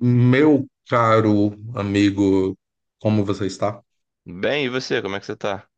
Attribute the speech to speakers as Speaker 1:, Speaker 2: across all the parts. Speaker 1: Meu caro amigo, como você está?
Speaker 2: Bem, e você, como é que você tá?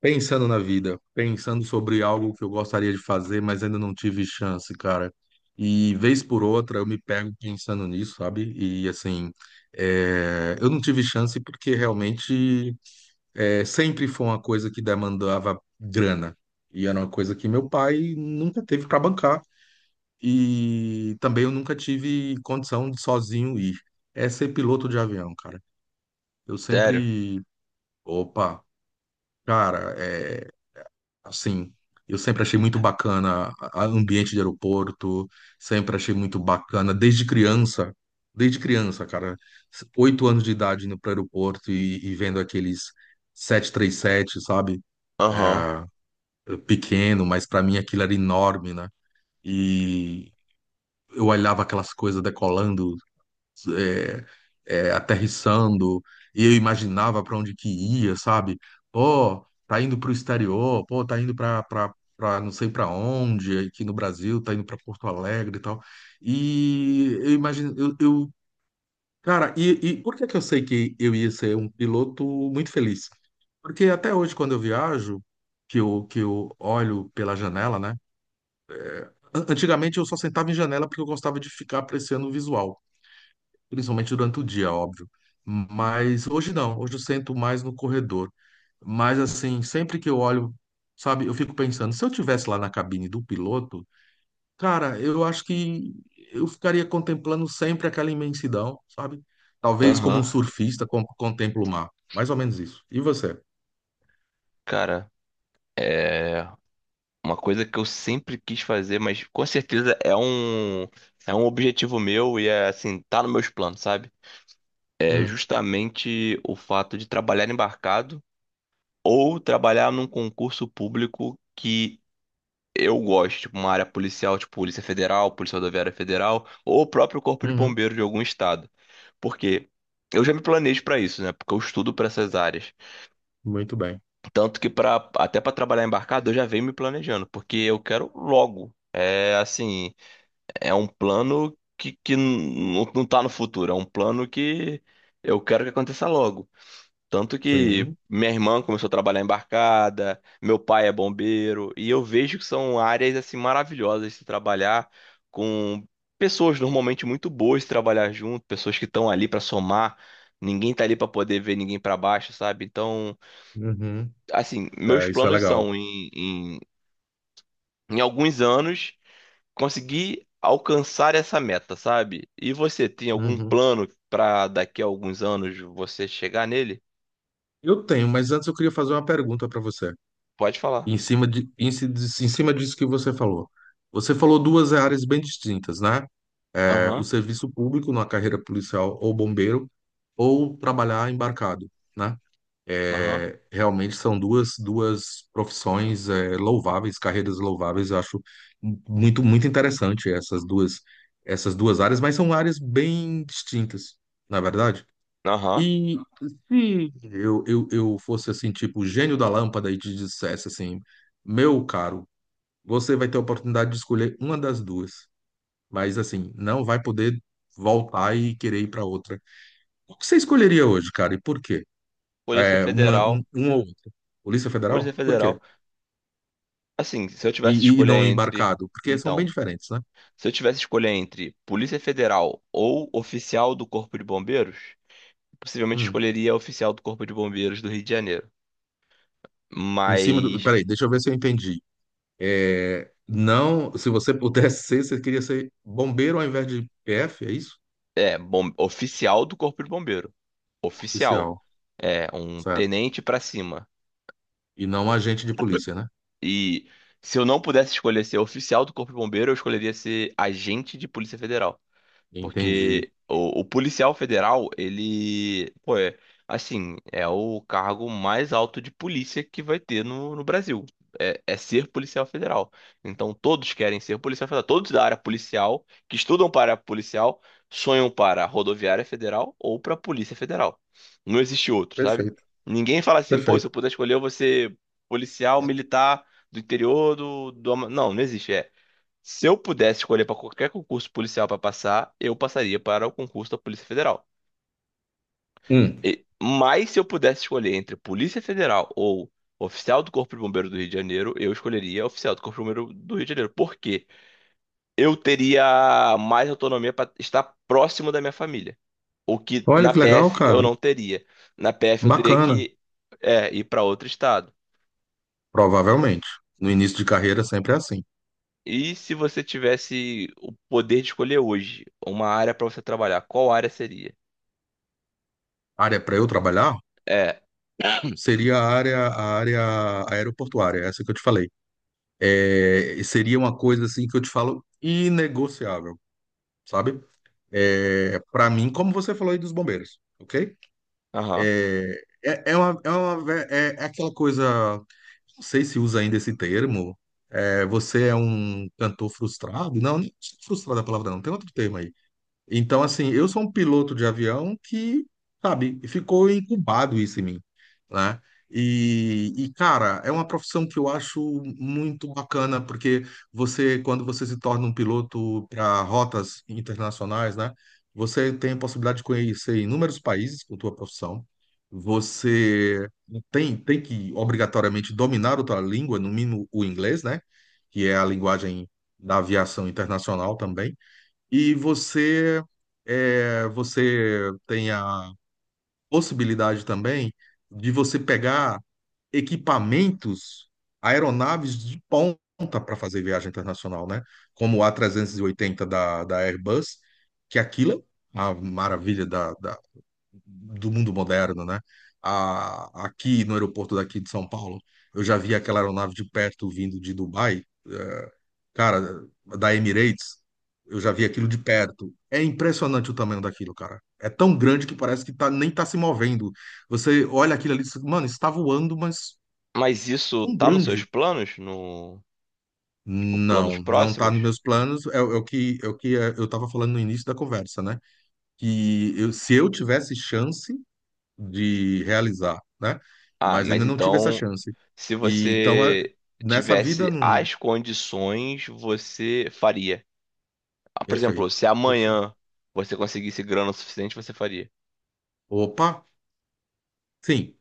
Speaker 1: Pensando na vida, pensando sobre algo que eu gostaria de fazer, mas ainda não tive chance, cara. E vez por outra eu me pego pensando nisso, sabe? E assim, eu não tive chance porque realmente sempre foi uma coisa que demandava grana. E era uma coisa que meu pai nunca teve para bancar. E também eu nunca tive condição de sozinho ir. É ser piloto de avião, cara. Eu
Speaker 2: Sério?
Speaker 1: sempre, opa, cara, é assim, eu sempre achei muito bacana a ambiente de aeroporto, sempre achei muito bacana desde criança, cara, 8 anos de idade indo para o aeroporto e vendo aqueles 737, sabe?
Speaker 2: Aham,
Speaker 1: É, é pequeno, mas para mim aquilo era enorme, né? E eu olhava aquelas coisas decolando, aterrissando, e eu imaginava para onde que ia, sabe? Pô, tá indo para o exterior, pô, tá indo para não sei para onde, aqui no Brasil, tá indo para Porto Alegre e tal. E eu imagino, cara, e por que que eu sei que eu ia ser um piloto muito feliz? Porque até hoje, quando eu viajo, que eu olho pela janela, né? Antigamente eu só sentava em janela porque eu gostava de ficar apreciando o visual, principalmente durante o dia, óbvio. Mas hoje não, hoje eu sento mais no corredor. Mas assim, sempre que eu olho, sabe, eu fico pensando, se eu tivesse lá na cabine do piloto, cara, eu acho que eu ficaria contemplando sempre aquela imensidão, sabe? Talvez como um
Speaker 2: aham.
Speaker 1: surfista contempla o mar. Mais ou menos isso. E você?
Speaker 2: Cara, é uma coisa que eu sempre quis fazer, mas com certeza é um objetivo meu e é assim, tá nos meus planos, sabe? É
Speaker 1: Hum.
Speaker 2: justamente o fato de trabalhar embarcado ou trabalhar num concurso público que eu gosto, tipo uma área policial, tipo Polícia Federal, Polícia Rodoviária Federal ou o próprio Corpo de
Speaker 1: Uhum.
Speaker 2: Bombeiros de algum estado. Porque eu já me planejo pra isso, né? Porque eu estudo pra essas áreas.
Speaker 1: Muito bem.
Speaker 2: Tanto que para até para trabalhar embarcado eu já venho me planejando, porque eu quero logo. É assim, é um plano que não tá no futuro, é um plano que eu quero que aconteça logo. Tanto que
Speaker 1: Sim.
Speaker 2: minha irmã começou a trabalhar embarcada, meu pai é bombeiro, e eu vejo que são áreas assim maravilhosas de se trabalhar com pessoas normalmente muito boas de trabalhar junto, pessoas que estão ali para somar, ninguém tá ali para poder ver ninguém para baixo, sabe? Então,
Speaker 1: Uhum.
Speaker 2: assim, meus
Speaker 1: É, isso é
Speaker 2: planos
Speaker 1: legal.
Speaker 2: são em alguns anos conseguir alcançar essa meta, sabe? E você tem algum
Speaker 1: Uhum.
Speaker 2: plano pra daqui a alguns anos você chegar nele?
Speaker 1: Eu tenho, mas antes eu queria fazer uma pergunta para você.
Speaker 2: Pode falar.
Speaker 1: Em cima de, em, ci- em cima disso que você falou. Você falou duas áreas bem distintas, né? É, o
Speaker 2: Aham,
Speaker 1: serviço público na carreira policial ou bombeiro, ou trabalhar embarcado, né?
Speaker 2: aham,
Speaker 1: É, realmente são duas profissões, louváveis, carreiras louváveis. Eu acho muito, muito interessante essas duas áreas, mas são áreas bem distintas, na verdade.
Speaker 2: aham.
Speaker 1: E se eu fosse assim, tipo, o gênio da lâmpada e te dissesse assim, meu caro, você vai ter a oportunidade de escolher uma das duas, mas assim, não vai poder voltar e querer ir para outra. O que você escolheria hoje, cara, e por quê?
Speaker 2: Polícia
Speaker 1: É, uma,
Speaker 2: Federal,
Speaker 1: um, uma ou outra. Polícia
Speaker 2: Polícia
Speaker 1: Federal? Por
Speaker 2: Federal.
Speaker 1: quê?
Speaker 2: Assim, se eu
Speaker 1: E,
Speaker 2: tivesse que
Speaker 1: e
Speaker 2: escolher
Speaker 1: não
Speaker 2: entre,
Speaker 1: embarcado? Porque são bem
Speaker 2: então,
Speaker 1: diferentes, né?
Speaker 2: se eu tivesse que escolher entre Polícia Federal ou oficial do Corpo de Bombeiros, possivelmente
Speaker 1: Hum.
Speaker 2: escolheria oficial do Corpo de Bombeiros do Rio de Janeiro.
Speaker 1: Em cima do.
Speaker 2: Mas
Speaker 1: Peraí, deixa eu ver se eu entendi. É, não, se você pudesse ser, você queria ser bombeiro ao invés de PF, é isso?
Speaker 2: é, bom, oficial do Corpo de Bombeiro. Oficial.
Speaker 1: Oficial,
Speaker 2: É, um
Speaker 1: certo.
Speaker 2: tenente pra cima.
Speaker 1: E não agente de polícia, né?
Speaker 2: E se eu não pudesse escolher ser oficial do Corpo de Bombeiro, eu escolheria ser agente de Polícia Federal.
Speaker 1: Entendi.
Speaker 2: Porque o policial federal, ele, pô, é, assim, é o cargo mais alto de polícia que vai ter no Brasil. É ser policial federal. Então todos querem ser policial federal. Todos da área policial, que estudam para a policial, sonham para a rodoviária federal ou para a polícia federal. Não existe outro, sabe?
Speaker 1: Perfeito,
Speaker 2: Ninguém fala assim, pô, se eu
Speaker 1: perfeito.
Speaker 2: puder escolher, eu vou ser policial militar do interior do... Ama- Não, não existe. É, se eu pudesse escolher para qualquer concurso policial para passar, eu passaria para o concurso da Polícia Federal.
Speaker 1: Hum.
Speaker 2: E- mas se eu pudesse escolher entre Polícia Federal ou oficial do Corpo de Bombeiro do Rio de Janeiro, eu escolheria oficial do Corpo de Bombeiro do Rio de Janeiro. Por quê? Eu teria mais autonomia para estar próximo da minha família. O que
Speaker 1: Olha
Speaker 2: na
Speaker 1: que legal,
Speaker 2: PF eu
Speaker 1: cara.
Speaker 2: não teria. Na PF eu teria
Speaker 1: Bacana,
Speaker 2: que ir para outro estado.
Speaker 1: provavelmente. No início de carreira sempre é assim.
Speaker 2: E se você tivesse o poder de escolher hoje uma área para você trabalhar, qual área seria?
Speaker 1: Área para eu trabalhar
Speaker 2: É,
Speaker 1: seria a área aeroportuária, é essa que eu te falei. E seria uma coisa assim que eu te falo inegociável, sabe? Para mim, como você falou aí dos bombeiros, ok?
Speaker 2: aham.
Speaker 1: É uma, é aquela coisa, não sei se usa ainda esse termo. Você é um cantor frustrado? Não, nem frustrado é a palavra, não. Tem outro termo aí. Então, assim, eu sou um piloto de avião que, sabe, ficou incubado isso em mim, né? E, cara, é uma profissão que eu acho muito bacana, porque você, quando você se torna um piloto para rotas internacionais, né? Você tem a possibilidade de conhecer inúmeros países com a tua profissão. Você tem que, obrigatoriamente, dominar outra língua, no mínimo o inglês, né? Que é a linguagem da aviação internacional também. E você tem a possibilidade também de você pegar equipamentos, aeronaves de ponta para fazer viagem internacional, né? Como o a trezentos e oitenta da Airbus, que aquilo é a maravilha do mundo moderno, né? Aqui no aeroporto daqui de São Paulo, eu já vi aquela aeronave de perto vindo de Dubai, cara, da Emirates, eu já vi aquilo de perto. É impressionante o tamanho daquilo, cara. É tão grande que parece que tá, nem tá se movendo. Você olha aquilo ali, e diz, mano, está voando, mas
Speaker 2: Mas isso
Speaker 1: tão
Speaker 2: tá nos seus
Speaker 1: grande.
Speaker 2: planos? No, tipo, planos
Speaker 1: Não, não tá nos
Speaker 2: próximos?
Speaker 1: meus planos. É, eu estava falando no início da conversa, né? Se eu tivesse chance de realizar, né?
Speaker 2: Ah,
Speaker 1: Mas
Speaker 2: mas
Speaker 1: ainda não tive essa
Speaker 2: então,
Speaker 1: chance.
Speaker 2: se
Speaker 1: E, então,
Speaker 2: você
Speaker 1: nessa vida,
Speaker 2: tivesse as condições, você faria. Ah, por exemplo,
Speaker 1: perfeito,
Speaker 2: se
Speaker 1: perfeito.
Speaker 2: amanhã você conseguisse grana o suficiente, você faria.
Speaker 1: Opa! Sim,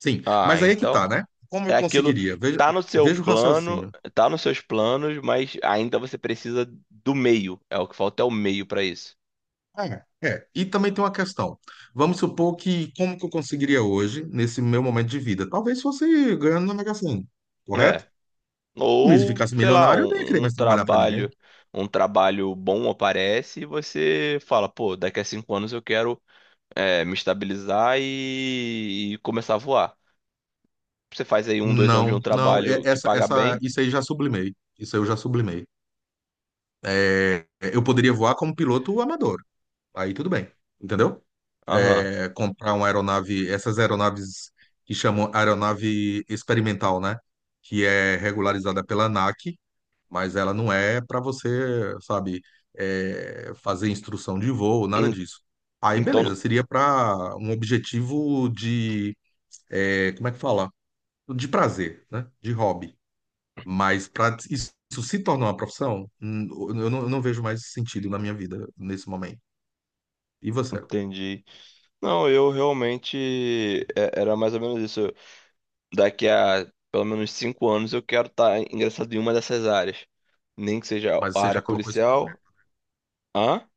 Speaker 1: sim.
Speaker 2: Ah,
Speaker 1: Mas aí é que tá,
Speaker 2: então
Speaker 1: né? Como
Speaker 2: é
Speaker 1: eu
Speaker 2: aquilo,
Speaker 1: conseguiria? Veja,
Speaker 2: tá no seu
Speaker 1: veja o
Speaker 2: plano,
Speaker 1: raciocínio.
Speaker 2: tá nos seus planos, mas ainda você precisa do meio. É o que falta é o meio pra isso.
Speaker 1: É, é. E também tem uma questão. Vamos supor que como que eu conseguiria hoje, nesse meu momento de vida? Talvez fosse ganhando na Mega Sena,
Speaker 2: É.
Speaker 1: correto? Mas se
Speaker 2: Ou,
Speaker 1: ficasse
Speaker 2: sei lá,
Speaker 1: milionário, eu nem ia querer mais trabalhar para ninguém.
Speaker 2: um trabalho bom aparece e você fala, pô, daqui a 5 anos eu quero me estabilizar e começar a voar. Você faz aí um, dois anos de
Speaker 1: Não,
Speaker 2: um
Speaker 1: não. é-
Speaker 2: trabalho que
Speaker 1: Essa,
Speaker 2: paga
Speaker 1: essa,
Speaker 2: bem.
Speaker 1: isso aí já sublimei. Isso aí eu já sublimei. É, eu poderia voar como piloto amador. Aí tudo bem, entendeu?
Speaker 2: Aham.
Speaker 1: Comprar uma aeronave, essas aeronaves que chamam aeronave experimental, né? Que é regularizada pela ANAC, mas ela não é para você, sabe, fazer instrução de voo, nada
Speaker 2: En-
Speaker 1: disso. Aí, beleza,
Speaker 2: Então,
Speaker 1: seria para um objetivo de, como é que fala? De prazer, né? De hobby. Mas para isso se tornar uma profissão, eu não vejo mais sentido na minha vida nesse momento. E você?
Speaker 2: entendi. Não, eu realmente era mais ou menos isso. Eu- daqui a pelo menos 5 anos eu quero estar ingressado em uma dessas áreas. Nem que seja
Speaker 1: Mas
Speaker 2: a
Speaker 1: você já
Speaker 2: área
Speaker 1: colocou isso.
Speaker 2: policial. Hã?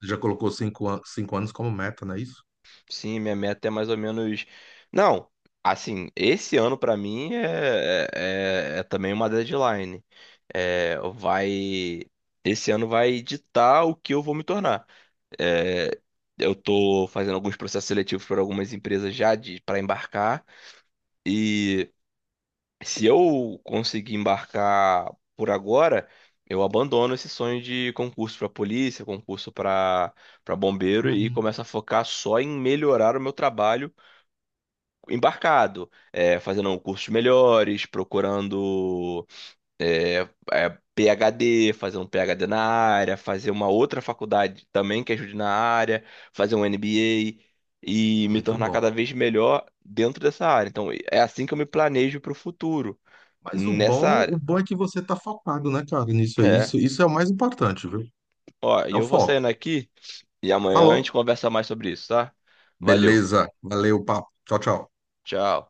Speaker 1: Já colocou 5 anos como meta, não é isso?
Speaker 2: Sim, minha meta é mais ou menos. Não, assim, esse ano pra mim é também uma deadline. É, vai. Esse ano vai ditar o que eu vou me tornar. É, eu tô fazendo alguns processos seletivos para algumas empresas já de para embarcar. E se eu conseguir embarcar por agora, eu abandono esse sonho de concurso para polícia, concurso para para bombeiro e
Speaker 1: Uhum.
Speaker 2: começo a focar só em melhorar o meu trabalho embarcado, é, fazendo cursos melhores, procurando PhD, fazer um PhD na área, fazer uma outra faculdade também que ajude na área, fazer um MBA e me
Speaker 1: Muito
Speaker 2: tornar cada
Speaker 1: bom.
Speaker 2: vez melhor dentro dessa área. Então, é assim que eu me planejo para o futuro,
Speaker 1: Mas o
Speaker 2: nessa
Speaker 1: bom, o
Speaker 2: área.
Speaker 1: bom é que você tá focado, né, cara, nisso aí.
Speaker 2: É,
Speaker 1: Isso é o mais importante, viu?
Speaker 2: ó, e
Speaker 1: É o
Speaker 2: eu vou
Speaker 1: foco.
Speaker 2: saindo aqui e amanhã a
Speaker 1: Falou.
Speaker 2: gente conversa mais sobre isso, tá? Valeu,
Speaker 1: Beleza. Valeu, papo. Tchau, tchau.
Speaker 2: tchau.